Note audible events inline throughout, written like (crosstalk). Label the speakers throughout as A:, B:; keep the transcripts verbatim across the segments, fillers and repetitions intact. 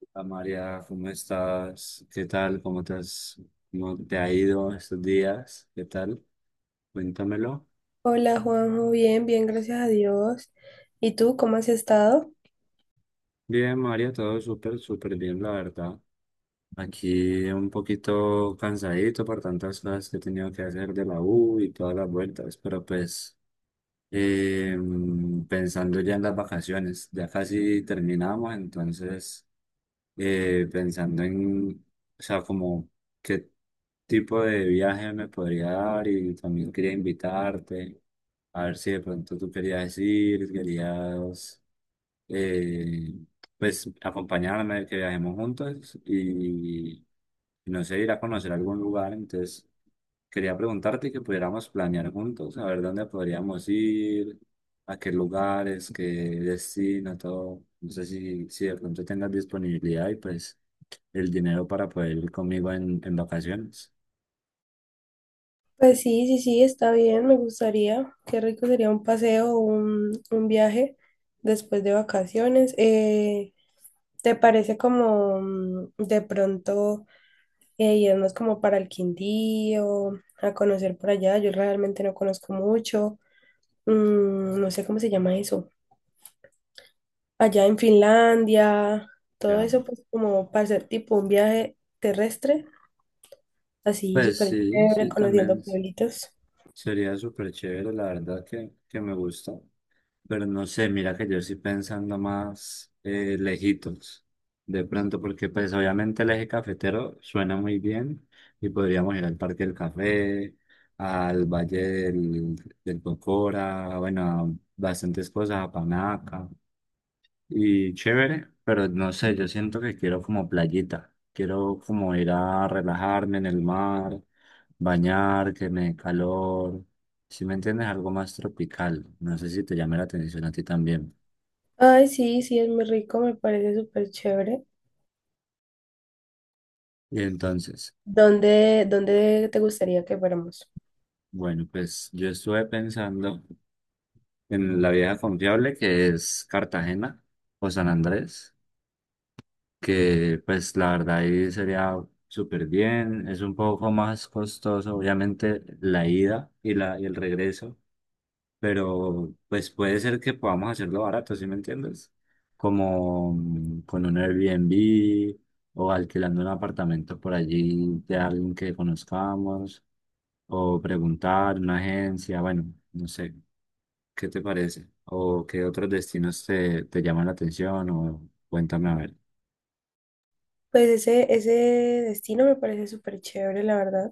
A: Hola María, ¿cómo estás? ¿Qué tal? ¿Cómo te has, ¿cómo te ha ido estos días? ¿Qué tal? Cuéntamelo.
B: Hola Juanjo, bien, bien, gracias a Dios. ¿Y tú cómo has estado?
A: Bien, María, todo súper, súper bien, la verdad. Aquí un poquito cansadito por tantas cosas que he tenido que hacer de la U y todas las vueltas, pero pues eh, pensando ya en las vacaciones, ya casi terminamos, entonces... eh, pensando en, o sea, como qué tipo de viaje me podría dar, y también quería invitarte, a ver si de pronto tú querías ir, querías, eh, pues, acompañarme, que viajemos juntos y, no sé, ir a conocer algún lugar. Entonces, quería preguntarte que pudiéramos planear juntos, a ver dónde podríamos ir, a qué lugares, qué destino, todo. No sé si, si de pronto tengas disponibilidad y pues el dinero para poder ir conmigo en, en vacaciones.
B: Pues sí, sí, sí, está bien, me gustaría. Qué rico sería un paseo, un, un viaje después de vacaciones. Eh, ¿te parece como mm, de pronto eh, irnos como para el Quindío, a conocer por allá? Yo realmente no conozco mucho. Mm, no sé cómo se llama eso. Allá en Finlandia, todo
A: Ya.
B: eso pues como para hacer tipo un viaje terrestre, así
A: Pues
B: súper
A: sí,
B: chévere,
A: sí, también
B: conociendo pueblitos.
A: sería súper chévere, la verdad que, que me gusta. Pero no sé, mira que yo estoy pensando más eh, lejitos, de pronto, porque pues obviamente el eje cafetero suena muy bien y podríamos ir al Parque del Café, al Valle del, del Cocora, bueno, a bastantes cosas, a Panaca. Y chévere, pero no sé, yo siento que quiero como playita, quiero como ir a relajarme en el mar, bañar, que me dé calor, si me entiendes, algo más tropical, no sé si te llame la atención a ti también.
B: Ay, sí, sí, es muy rico, me parece súper chévere.
A: Y entonces,
B: ¿Dónde, dónde te gustaría que fuéramos?
A: bueno, pues yo estuve pensando en la vieja confiable que es Cartagena o San Andrés, que pues la verdad ahí sería súper bien, es un poco más costoso, obviamente la ida y, la, y el regreso, pero pues puede ser que podamos hacerlo barato, ¿sí me entiendes? Como mm, con un Airbnb o alquilando un apartamento por allí de alguien que conozcamos o preguntar en una agencia, bueno, no sé, ¿qué te parece? ¿O qué otros destinos te, te llaman la atención? O cuéntame a ver.
B: Pues ese, ese destino me parece súper chévere, la verdad.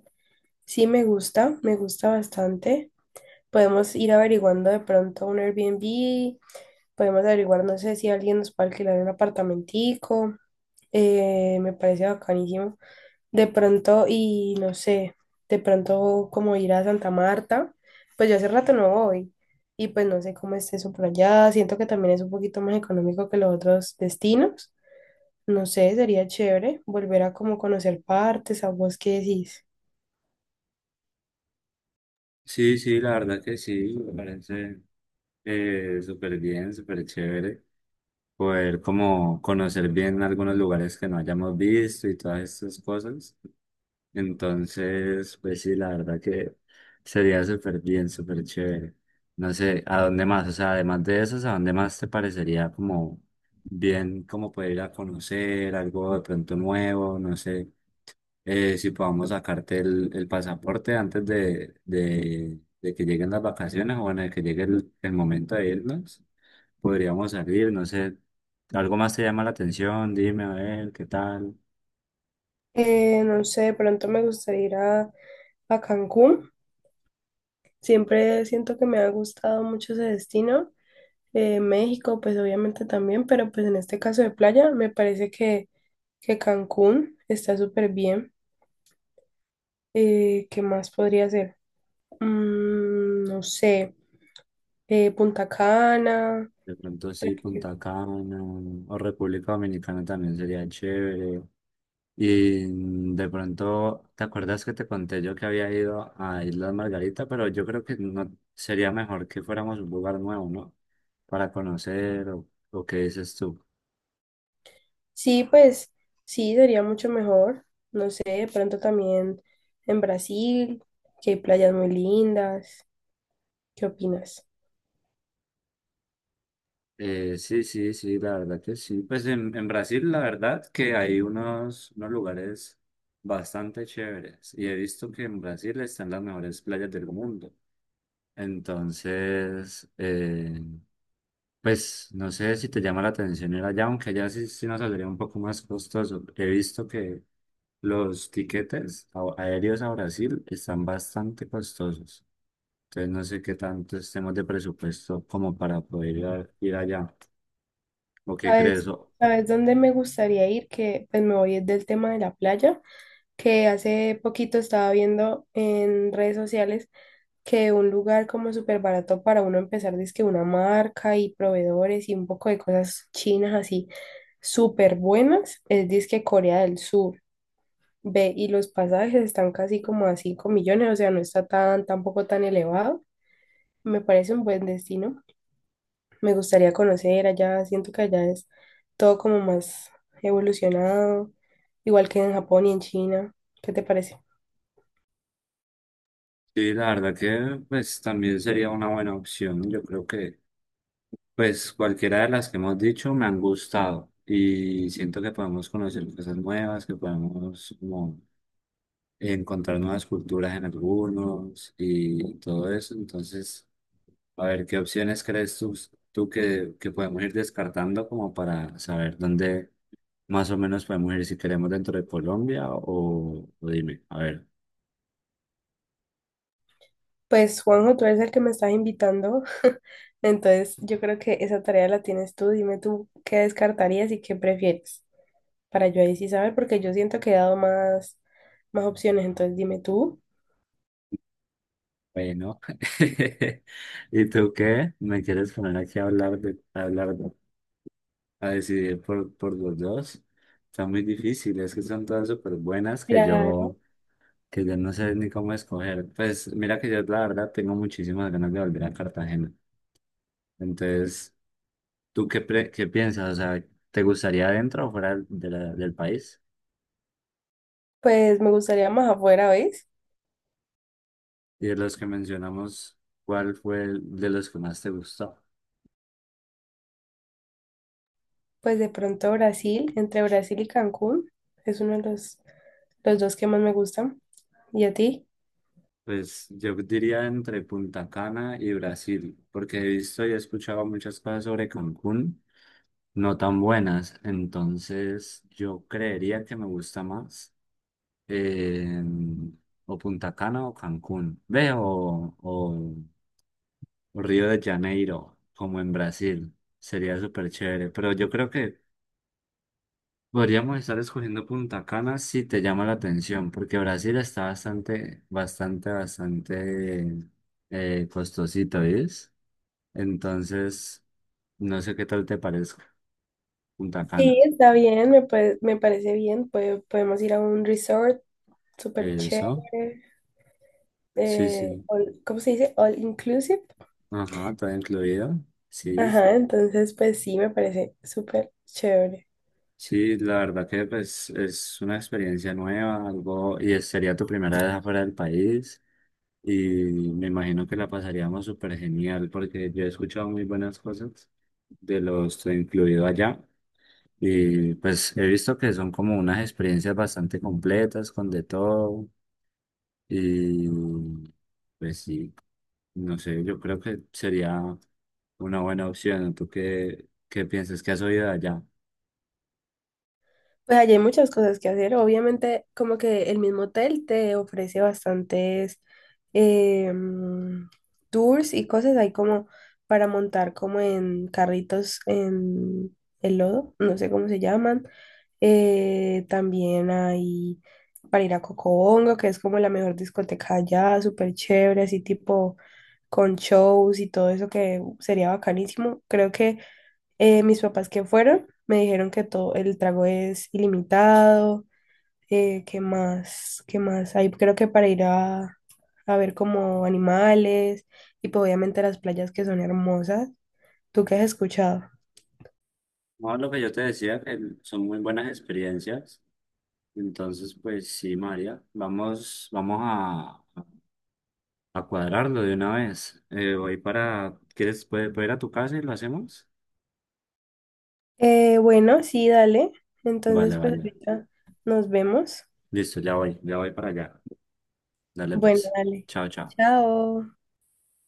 B: Sí, me gusta, me gusta bastante. Podemos ir averiguando de pronto un Airbnb, podemos averiguar, no sé si alguien nos puede alquilar un apartamentico. Eh, me parece bacanísimo. De pronto, y no sé, de pronto como ir a Santa Marta, pues yo hace rato no voy y pues no sé cómo esté eso por allá, siento que también es un poquito más económico que los otros destinos, no sé, sería chévere volver a como conocer partes, a vos qué decís.
A: Sí, sí, la verdad que sí, me parece eh, súper bien, súper chévere. Poder como conocer bien algunos lugares que no hayamos visto y todas estas cosas. Entonces, pues sí, la verdad que sería súper bien, súper chévere. No sé, ¿a dónde más? O sea, además de eso, ¿a dónde más te parecería como bien, como poder ir a conocer algo de pronto nuevo? No sé, eh, si podamos sacarte el, el pasaporte antes de, de, de que lleguen las vacaciones, o bueno, de que llegue el, el momento de irnos, podríamos salir, no sé, algo más te llama la atención, dime a ver qué tal.
B: Eh, no sé, de pronto me gustaría ir a, a Cancún, siempre siento que me ha gustado mucho ese destino. Eh, México pues obviamente también, pero pues en este caso de playa me parece que que Cancún está súper bien. Eh, ¿qué más podría ser? Mm, no sé, eh, Punta Cana.
A: De pronto sí,
B: República-
A: Punta Cana o República Dominicana también sería chévere. Y mm, de pronto, ¿te acuerdas que te conté yo que había ido a Islas Margarita? Pero yo creo que no sería mejor que fuéramos a un lugar nuevo, ¿no? Para conocer, o, o qué dices tú.
B: Sí, pues sí, sería mucho mejor. No sé, de pronto también en Brasil, que hay playas muy lindas. ¿Qué opinas?
A: Eh, sí, sí, sí, la verdad que sí. Pues en, en Brasil, la verdad que hay unos, unos lugares bastante chéveres. Y he visto que en Brasil están las mejores playas del mundo. Entonces, eh, pues no sé si te llama la atención ir allá, aunque allá sí, sí nos saldría un poco más costoso. He visto que los tiquetes a- aéreos a Brasil están bastante costosos. Entonces no sé qué tanto estemos de presupuesto como para poder ir, a- ir allá. ¿O qué crees?
B: ¿Sabes, sabes dónde me gustaría ir? Que pues me voy del tema de la playa, que hace poquito estaba viendo en redes sociales que un lugar como súper barato para uno empezar, que una marca y proveedores y un poco de cosas chinas así súper buenas, es disque Corea del Sur. Ve, y los pasajes están casi como a cinco millones, o sea, no está tan, tampoco tan elevado. Me parece un buen destino. Me gustaría conocer allá, siento que allá es todo como más evolucionado, igual que en Japón y en China. ¿Qué te parece?
A: Sí, la verdad que pues también sería una buena opción. Yo creo que pues cualquiera de las que hemos dicho me han gustado y siento que podemos conocer cosas nuevas, que podemos como encontrar nuevas culturas en algunos y todo eso. Entonces, a ver, ¿qué opciones crees tú, tú que, que podemos ir descartando como para saber dónde más o menos podemos ir si queremos dentro de Colombia, o, o dime, a ver.
B: Pues Juanjo, tú eres el que me estás invitando, (laughs) entonces yo creo que esa tarea la tienes tú. Dime tú qué descartarías y qué prefieres para yo ahí sí saber, porque yo siento que he dado más, más opciones, entonces dime tú.
A: Bueno, (laughs) ¿y tú qué? ¿Me quieres poner aquí a hablar, de, a hablar, a decidir por, por los dos? Son muy difíciles, que son todas súper buenas, que
B: Claro.
A: yo, que yo no sé ni cómo escoger. Pues mira que yo la verdad tengo muchísimas ganas de volver a Cartagena. Entonces, ¿tú qué, pre- qué piensas? O sea, ¿te gustaría dentro o fuera de la- del país?
B: Pues me gustaría más afuera, ¿ves?
A: Y de los que mencionamos, ¿cuál fue el de los que más te gustó?
B: Pues de pronto Brasil, entre Brasil y Cancún, es uno de los, los dos que más me gustan. ¿Y a ti?
A: Pues yo diría entre Punta Cana y Brasil, porque he visto y he escuchado muchas cosas sobre Cancún, no tan buenas, entonces yo creería que me gusta más, eh, o Punta Cana o Cancún, ve, o, o- o Río de Janeiro, como en Brasil, sería súper chévere, pero yo creo que podríamos estar escogiendo Punta Cana si te llama la atención, porque Brasil está bastante, bastante, bastante eh, costosito, ¿ves? Entonces, no sé qué tal te parezca Punta
B: Sí,
A: Cana.
B: está bien, me, puede- me parece bien. Puede- podemos ir a un resort súper
A: Eso,
B: chévere.
A: sí,
B: Eh,
A: sí.
B: all- ¿cómo se dice? All inclusive.
A: Ajá, está incluido. Sí,
B: Ajá, entonces pues sí, me parece súper chévere.
A: sí, la verdad que pues, es una experiencia nueva, algo, y sería tu primera vez afuera del país. Y me imagino que la pasaríamos súper genial porque yo he escuchado muy buenas cosas de los incluido allá. Y pues he visto que son como unas experiencias bastante completas con de todo. Y pues sí, no sé, yo creo que sería una buena opción. ¿Tú qué, qué piensas que has oído de allá?
B: Pues allí hay muchas cosas que hacer. Obviamente, como que el mismo hotel te ofrece bastantes eh, mm, tours y cosas. Hay como para montar como en carritos en el lodo, no sé cómo se llaman. Eh, también hay para ir a Cocobongo, que es como la mejor discoteca allá, súper chévere, así tipo con shows y todo eso que sería bacanísimo. Creo que eh, mis papás que fueron me dijeron que todo el trago es ilimitado. eh, que más, que más hay, creo que para ir a, a ver como animales y pues obviamente las playas que son hermosas. ¿Tú qué has escuchado?
A: No, lo que yo te decía, que son muy buenas experiencias. Entonces, pues sí, María, vamos, vamos a... A cuadrarlo de una vez. Eh, voy para... ¿Quieres puede- puedo ir a tu casa y lo hacemos?
B: Eh, bueno, sí, dale. Entonces,
A: Vale,
B: pues
A: vale.
B: ahorita nos vemos.
A: Listo, ya voy, ya voy para allá. Dale
B: Bueno,
A: pues.
B: dale.
A: Chao, chao.
B: Chao.